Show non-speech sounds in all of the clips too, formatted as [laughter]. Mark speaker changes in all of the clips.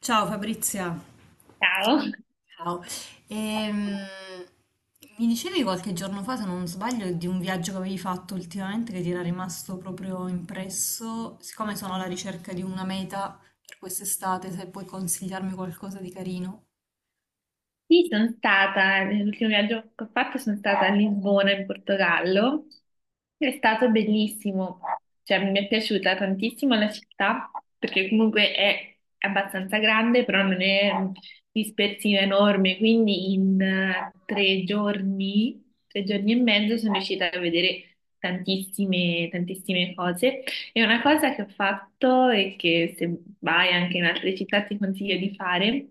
Speaker 1: Ciao Fabrizia,
Speaker 2: Ciao,
Speaker 1: ciao. Ehm, mi dicevi qualche giorno fa, se non sbaglio, di un viaggio che avevi fatto ultimamente che ti era rimasto proprio impresso. Siccome sono alla ricerca di una meta per quest'estate, se puoi consigliarmi qualcosa di carino.
Speaker 2: sì, sono stata, l'ultimo viaggio che ho fatto sono stata a Lisbona in Portogallo, è stato bellissimo, cioè mi è piaciuta tantissimo la città perché comunque è abbastanza grande, però non è dispersiva enorme, quindi in tre giorni e mezzo sono riuscita a vedere tantissime, tantissime cose. E una cosa che ho fatto e che se vai anche in altre città ti consiglio di fare,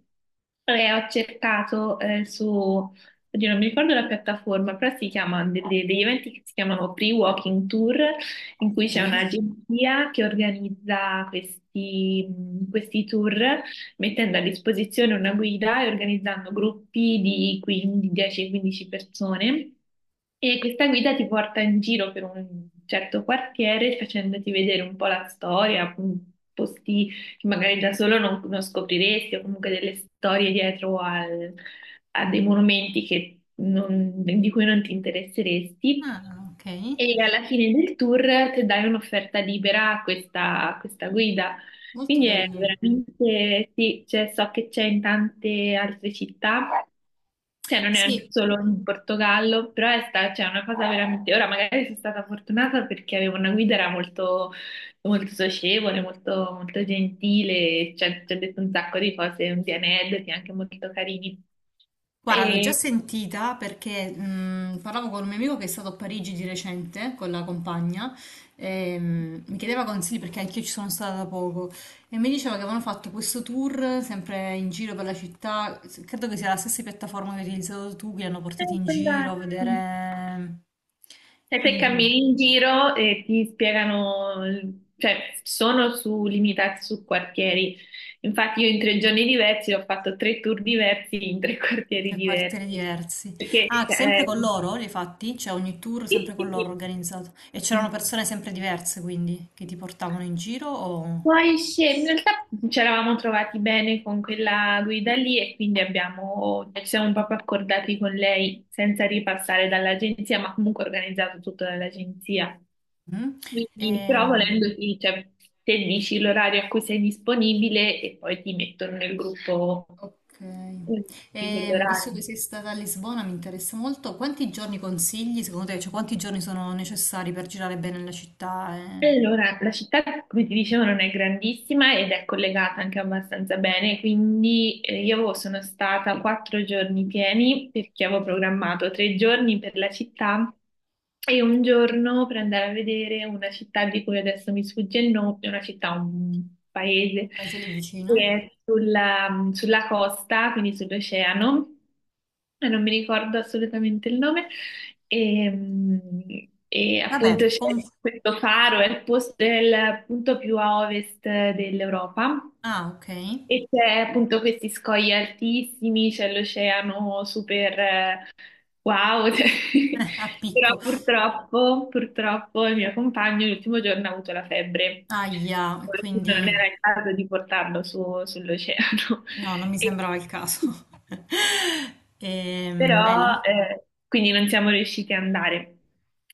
Speaker 2: è ho cercato su, oddio, non mi ricordo la piattaforma, però si chiama degli eventi che si chiamano Free Walking Tour, in cui c'è
Speaker 1: Sì.
Speaker 2: un'agenzia che organizza questi tour mettendo a disposizione una guida e organizzando gruppi di 15 10-15 persone. E questa guida ti porta in giro per un certo quartiere facendoti vedere un po' la storia, posti che magari da solo non scopriresti, o comunque delle storie dietro a dei monumenti che non- di cui non ti interesseresti.
Speaker 1: Ah, ok,
Speaker 2: E alla fine del tour ti dai un'offerta libera a questa guida.
Speaker 1: molto
Speaker 2: Quindi è
Speaker 1: carino.
Speaker 2: veramente, sì, cioè, so che c'è in tante altre città, cioè non è
Speaker 1: Sì,
Speaker 2: solo in Portogallo, però cioè, è una cosa veramente, ora magari sono stata fortunata perché avevo una guida, era molto, molto socievole, molto, molto gentile, cioè, ci ha detto un sacco di cose, un di aneddoti anche molto carini.
Speaker 1: guarda, l'ho già
Speaker 2: E...
Speaker 1: sentita perché parlavo con un mio amico che è stato a Parigi di recente con la compagna e mi chiedeva consigli perché anch'io ci sono stata da poco e mi diceva che avevano fatto questo tour sempre in giro per la città, credo che sia la stessa piattaforma che hai utilizzato tu, che li hanno portati in
Speaker 2: Sono
Speaker 1: giro a
Speaker 2: andata. Sì.
Speaker 1: vedere,
Speaker 2: E te
Speaker 1: quindi
Speaker 2: cammini in giro e ti spiegano, cioè sono limitati su quartieri. Infatti io in tre giorni diversi ho fatto tre tour diversi in tre [laughs] quartieri
Speaker 1: tre quartieri
Speaker 2: diversi.
Speaker 1: diversi.
Speaker 2: Perché
Speaker 1: Ah, sempre con loro li hai fatti? Cioè ogni tour sempre
Speaker 2: Sì,
Speaker 1: con
Speaker 2: sì,
Speaker 1: loro organizzato e c'erano
Speaker 2: sì.
Speaker 1: persone sempre diverse quindi che ti portavano in giro o.
Speaker 2: Poi in realtà ci eravamo trovati bene con quella guida lì e quindi abbiamo, ci siamo proprio accordati con lei senza ripassare dall'agenzia, ma comunque organizzato tutto dall'agenzia.
Speaker 1: Mm.
Speaker 2: Quindi, però volendo,
Speaker 1: Ehm,
Speaker 2: sì, cioè, te dici l'orario a cui sei disponibile e poi ti mettono nel gruppo
Speaker 1: ok.
Speaker 2: eh, di
Speaker 1: Visto
Speaker 2: quell'orario.
Speaker 1: che sei stata a Lisbona, mi interessa molto, quanti giorni consigli secondo te? Cioè, quanti giorni sono necessari per girare bene la città e
Speaker 2: Allora, la città, come ti dicevo, non è grandissima ed è collegata anche abbastanza bene, quindi io sono stata quattro giorni pieni perché avevo programmato tre giorni per la città e un giorno per andare a vedere una città di cui adesso mi sfugge il nome, una città, un paese
Speaker 1: paese lì
Speaker 2: che
Speaker 1: vicino?
Speaker 2: è sulla costa, quindi sull'oceano. Non mi ricordo assolutamente il nome, e appunto
Speaker 1: Vabbè,
Speaker 2: c'è questo faro, è il punto più a ovest dell'Europa,
Speaker 1: ah, ok, [laughs]
Speaker 2: e c'è appunto questi scogli altissimi, c'è l'oceano super, wow, [laughs] cioè,
Speaker 1: eh, a
Speaker 2: però
Speaker 1: picco,
Speaker 2: purtroppo, purtroppo il mio compagno l'ultimo giorno ha avuto la febbre,
Speaker 1: ahia, quindi
Speaker 2: non era il caso di portarlo sull'oceano.
Speaker 1: no, non mi
Speaker 2: [laughs] E-
Speaker 1: sembrava il caso. [laughs]
Speaker 2: Però
Speaker 1: Bello,
Speaker 2: quindi non siamo riusciti ad andare.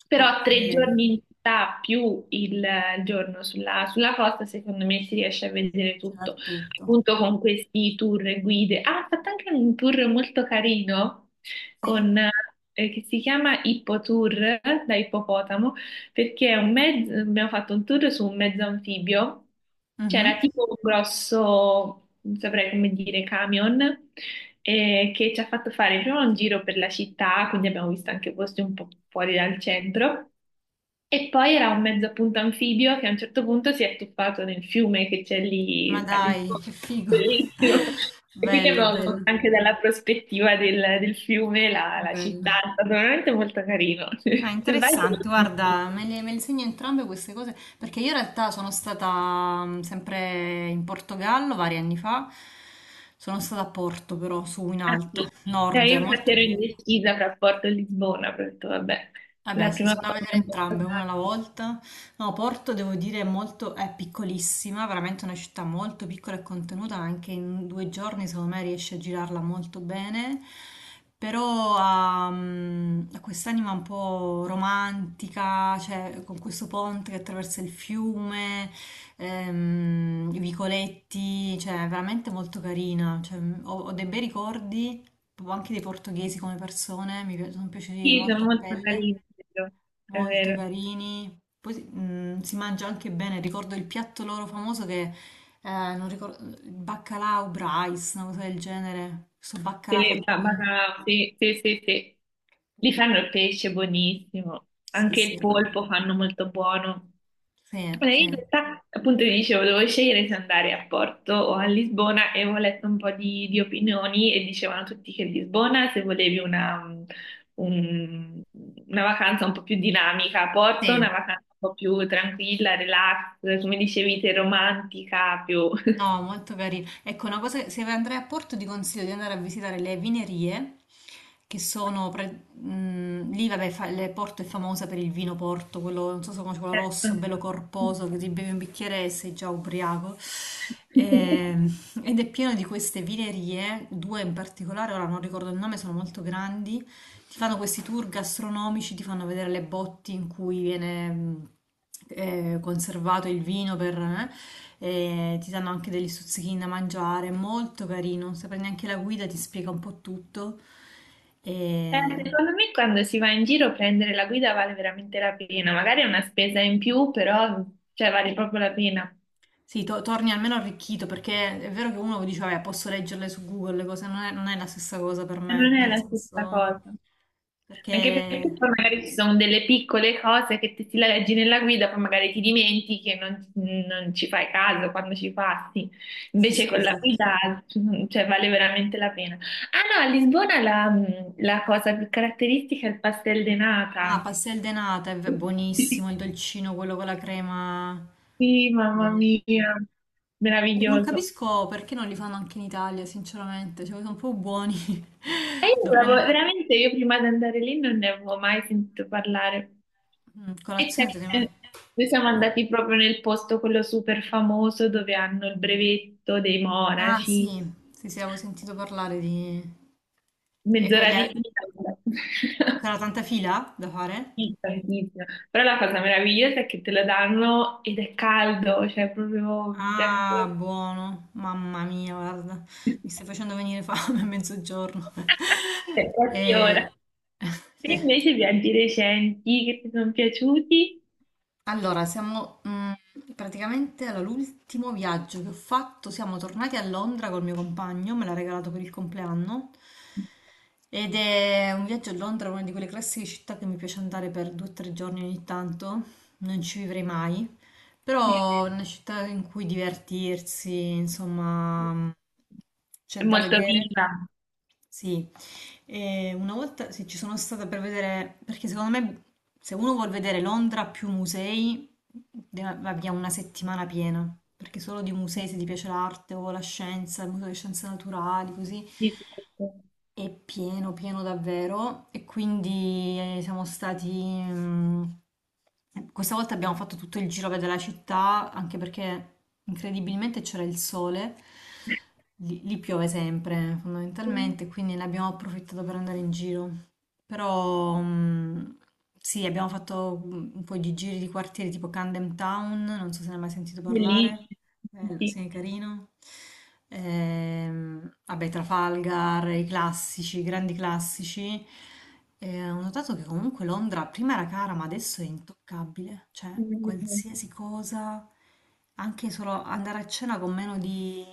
Speaker 2: Però
Speaker 1: ok,
Speaker 2: tre giorni in città più il giorno sulla costa, secondo me si riesce a vedere tutto,
Speaker 1: girare tutto,
Speaker 2: appunto con questi tour e guide. Ah, ha fatto anche un tour molto carino
Speaker 1: sì?
Speaker 2: con, che si chiama Hippo Tour, da ippopotamo, perché è un mezzo, abbiamo fatto un tour su un mezzo anfibio,
Speaker 1: Mhm.
Speaker 2: c'era tipo un grosso, non saprei come dire, camion che ci ha fatto fare prima un giro per la città, quindi abbiamo visto anche posti un po' fuori dal centro, e poi era un mezzo appunto anfibio che a un certo punto si è tuffato nel fiume che c'è
Speaker 1: Ma
Speaker 2: lì a
Speaker 1: dai,
Speaker 2: Lisbona,
Speaker 1: che figo,
Speaker 2: bellissimo.
Speaker 1: [laughs]
Speaker 2: E quindi
Speaker 1: bello,
Speaker 2: abbiamo visto
Speaker 1: bello.
Speaker 2: anche dalla prospettiva del
Speaker 1: Sì,
Speaker 2: fiume la
Speaker 1: bello.
Speaker 2: città, è stato veramente molto carino. [laughs]
Speaker 1: Ah,
Speaker 2: Se vai te lo
Speaker 1: interessante,
Speaker 2: consiglio.
Speaker 1: guarda, me le segno entrambe queste cose perché io in realtà sono stata sempre in Portogallo vari anni fa, sono stata a Porto però, su in
Speaker 2: Ah,
Speaker 1: alto,
Speaker 2: sì.
Speaker 1: nord,
Speaker 2: Io infatti
Speaker 1: molto
Speaker 2: ero
Speaker 1: bello.
Speaker 2: indecisa fra Porto e Lisbona, però ho detto vabbè,
Speaker 1: Vabbè,
Speaker 2: la
Speaker 1: sì,
Speaker 2: prima
Speaker 1: sono da
Speaker 2: volta è
Speaker 1: vedere
Speaker 2: un po'
Speaker 1: entrambe, una
Speaker 2: strano.
Speaker 1: alla volta. No, Porto devo dire è molto, è piccolissima, veramente una città molto piccola e contenuta, anche in 2 giorni secondo me riesce a girarla molto bene, però ha, ha quest'anima un po' romantica, cioè con questo ponte che attraversa il fiume, i vicoletti, cioè è veramente molto carina, cioè, ho dei bei ricordi, proprio anche dei portoghesi come persone, sono piaciuti
Speaker 2: Sì,
Speaker 1: molto
Speaker 2: sono
Speaker 1: a
Speaker 2: molto
Speaker 1: pelle.
Speaker 2: carini, è vero. È
Speaker 1: Molto
Speaker 2: vero.
Speaker 1: carini. Poi si mangia anche bene. Ricordo il piatto loro famoso che non ricordo, il baccalà o brice, una cosa del genere. Questo
Speaker 2: Se
Speaker 1: baccalà
Speaker 2: le-
Speaker 1: fatto
Speaker 2: ba-
Speaker 1: con.
Speaker 2: Bacalà, sì, sì, sì, sì. Li fanno il pesce buonissimo,
Speaker 1: Sì,
Speaker 2: anche
Speaker 1: sì,
Speaker 2: il polpo fanno molto buono.
Speaker 1: sì,
Speaker 2: E
Speaker 1: sì,
Speaker 2: in realtà, appunto, ti dicevo, dovevo scegliere se andare a Porto o a Lisbona e ho letto un po' di opinioni e dicevano tutti che Lisbona, se volevi una, un- una vacanza un po' più dinamica, a Porto una
Speaker 1: sì.
Speaker 2: vacanza un po' più tranquilla, relax, come
Speaker 1: Sì,
Speaker 2: dicevi
Speaker 1: sì.
Speaker 2: te, romantica, più... [laughs]
Speaker 1: No, molto carino. Ecco, una cosa, se andrai a Porto ti consiglio di andare a visitare le vinerie, che sono, lì vabbè, Porto è famosa per il vino Porto, quello, non so se conosci, quello
Speaker 2: Certo.
Speaker 1: rosso, bello corposo, che ti bevi un bicchiere e sei già ubriaco.
Speaker 2: [laughs]
Speaker 1: Ehm, ed è pieno di queste vinerie, due in particolare, ora non ricordo il nome, sono molto grandi, ti fanno questi tour gastronomici, ti fanno vedere le botti in cui viene, conservato il vino per, e ti danno anche degli stuzzichini da mangiare, è molto carino, se prendi anche la guida ti spiega un po' tutto. E.
Speaker 2: Secondo me quando si va in giro prendere la guida vale veramente la pena, magari è una spesa in più, però cioè, vale proprio la pena.
Speaker 1: Sì, torni almeno arricchito perché è vero che uno dice, vabbè, posso leggerle su Google, le cose non è, non è la stessa cosa per
Speaker 2: E non
Speaker 1: me,
Speaker 2: è
Speaker 1: nel
Speaker 2: la stessa
Speaker 1: senso.
Speaker 2: cosa. Anche perché
Speaker 1: Perché.
Speaker 2: poi magari ci sono delle piccole cose che te ti la leggi nella guida, poi magari ti dimentichi e non ci fai caso quando ci passi.
Speaker 1: Sì,
Speaker 2: Invece
Speaker 1: sì,
Speaker 2: con la
Speaker 1: infatti.
Speaker 2: guida, cioè, vale veramente la pena. Ah no, a Lisbona la, la cosa più caratteristica è il pastel de
Speaker 1: Ah,
Speaker 2: nata.
Speaker 1: pastel de nata, è buonissimo, il dolcino, quello con la crema.
Speaker 2: Sì, mamma
Speaker 1: Buono.
Speaker 2: mia,
Speaker 1: Non
Speaker 2: meraviglioso.
Speaker 1: capisco perché non li fanno anche in Italia, sinceramente, cioè sono un po' buoni.
Speaker 2: E io
Speaker 1: [laughs]
Speaker 2: non
Speaker 1: Dovremmo.
Speaker 2: avevo- veramente io prima di andare lì non ne avevo mai sentito parlare. E
Speaker 1: Colazione
Speaker 2: c'è-
Speaker 1: secondo
Speaker 2: eh,
Speaker 1: me.
Speaker 2: Noi siamo andati proprio nel posto quello super famoso dove hanno il brevetto dei
Speaker 1: Ah
Speaker 2: monaci,
Speaker 1: sì, sì, sì, avevo sentito parlare di. E che
Speaker 2: mezz'ora di fila. [laughs]
Speaker 1: c'era tanta fila da fare?
Speaker 2: Sì, tantissimo. Però la cosa meravigliosa è che te lo danno ed è caldo, cioè proprio...
Speaker 1: Ah, buono, mamma mia, guarda,
Speaker 2: [laughs]
Speaker 1: mi stai facendo venire fame a mezzogiorno. [laughs]
Speaker 2: È quasi ora.
Speaker 1: E. [laughs]
Speaker 2: Te
Speaker 1: sì.
Speaker 2: invece viaggi recenti che ti sono piaciuti?
Speaker 1: Allora, siamo praticamente all'ultimo viaggio che ho fatto. Siamo tornati a Londra col mio compagno, me l'ha regalato per il compleanno. Ed è un viaggio a Londra, una di quelle classiche città che mi piace andare per 2 o 3 giorni ogni tanto. Non ci vivrei mai, però è una città in cui divertirsi, insomma,
Speaker 2: È
Speaker 1: c'è da
Speaker 2: molto
Speaker 1: vedere.
Speaker 2: viva.
Speaker 1: Sì, e una volta sì, ci sono stata per vedere, perché secondo me se uno vuol vedere Londra più musei, abbia una settimana piena, perché solo di
Speaker 2: eh,
Speaker 1: musei se ti piace l'arte o la scienza, il museo di scienze naturali, così,
Speaker 2: di tutto.
Speaker 1: è pieno, pieno davvero e quindi siamo stati. Questa volta abbiamo fatto tutto il giro a vedere la città, anche perché incredibilmente c'era il sole, lì, lì piove sempre fondamentalmente, quindi ne abbiamo approfittato per andare in giro. Però sì, abbiamo fatto un po' di giri di quartieri tipo Camden Town, non so se ne hai mai sentito parlare.
Speaker 2: Bellissima.
Speaker 1: Bello,
Speaker 2: Sì.
Speaker 1: sì, carino. Vabbè, Trafalgar, i classici, i grandi classici. Ho notato che comunque Londra prima era cara, ma adesso è intoccabile. Cioè, qualsiasi cosa, anche solo andare a cena con meno di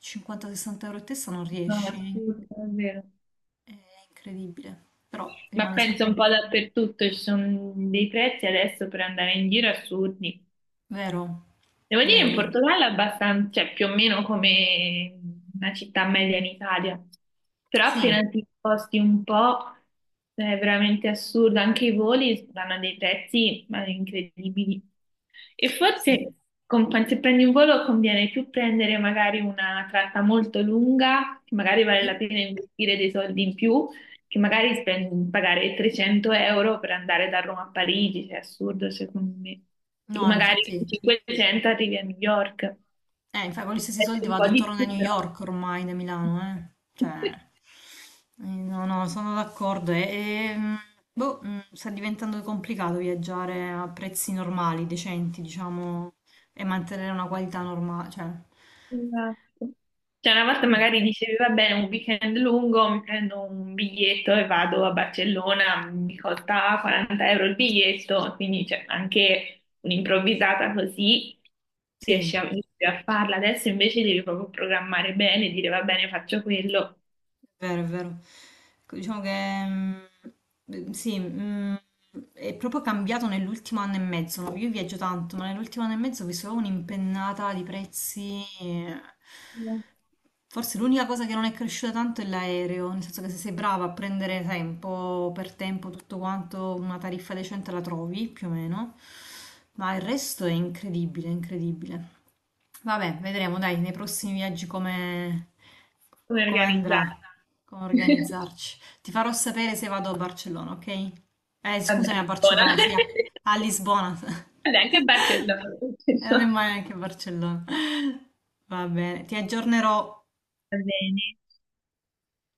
Speaker 1: 50-60 euro a testa non
Speaker 2: No,
Speaker 1: riesci.
Speaker 2: assurdo, davvero.
Speaker 1: È incredibile. Però
Speaker 2: Ma
Speaker 1: rimane
Speaker 2: penso
Speaker 1: sempre
Speaker 2: un po' dappertutto, ci sono dei prezzi adesso per andare in giro assurdi.
Speaker 1: vero,
Speaker 2: Devo dire
Speaker 1: vero,
Speaker 2: in
Speaker 1: vero.
Speaker 2: Portogallo è abbastanza, cioè più o meno come una città media in Italia, però
Speaker 1: Sì,
Speaker 2: appena ti sposti un po' cioè, è veramente assurdo, anche i voli danno dei prezzi ma, incredibili. E forse
Speaker 1: sì.
Speaker 2: se prendi un volo conviene più prendere magari una tratta molto lunga, che magari vale la
Speaker 1: Sì.
Speaker 2: pena investire dei soldi in più, che magari spendi- pagare 300 euro per andare da Roma a Parigi, cioè è assurdo secondo me. E che
Speaker 1: No,
Speaker 2: magari con
Speaker 1: infatti.
Speaker 2: 500 arrivi a New York.
Speaker 1: Infatti con gli stessi
Speaker 2: È
Speaker 1: soldi
Speaker 2: un
Speaker 1: vado
Speaker 2: po'
Speaker 1: e
Speaker 2: di
Speaker 1: torno a
Speaker 2: più
Speaker 1: New
Speaker 2: però.
Speaker 1: York ormai da Milano, eh. Cioè,
Speaker 2: [laughs]
Speaker 1: no, no, sono d'accordo. E, e, mm, boh, sta diventando complicato viaggiare a prezzi normali, decenti, diciamo, e mantenere una qualità normale, cioè,
Speaker 2: Esatto. Cioè una volta
Speaker 1: Mm.
Speaker 2: magari dicevi, va bene, un weekend lungo, mi prendo un biglietto e vado a Barcellona, mi costa 40 euro il biglietto, quindi cioè, anche un'improvvisata così
Speaker 1: Sì.
Speaker 2: riesci a, riesci a farla. Adesso invece devi proprio programmare bene, dire va bene, faccio quello.
Speaker 1: È vero, è vero. Ecco, diciamo che sì, è proprio cambiato nell'ultimo anno e mezzo, no? Io viaggio tanto, ma nell'ultimo anno e mezzo ho visto proprio un'impennata di prezzi, eh.
Speaker 2: Come
Speaker 1: Forse l'unica cosa che non è cresciuta tanto è l'aereo, nel senso che se sei brava a prendere tempo per tempo tutto quanto, una tariffa decente la trovi più o meno, ma il resto è incredibile, incredibile. Vabbè, vedremo dai nei prossimi viaggi come, come
Speaker 2: organizzare?
Speaker 1: andrà, come
Speaker 2: [laughs]
Speaker 1: organizzarci. Ti farò sapere se vado a Barcellona, ok?
Speaker 2: Vabbè,
Speaker 1: Scusami, a
Speaker 2: buona.
Speaker 1: Barcellona, sì, a, a
Speaker 2: [laughs]
Speaker 1: Lisbona. [laughs]
Speaker 2: Vabbè, anche Barcellona.
Speaker 1: E non è
Speaker 2: [laughs]
Speaker 1: mai neanche Barcellona. Va bene, ti aggiornerò.
Speaker 2: Va bene.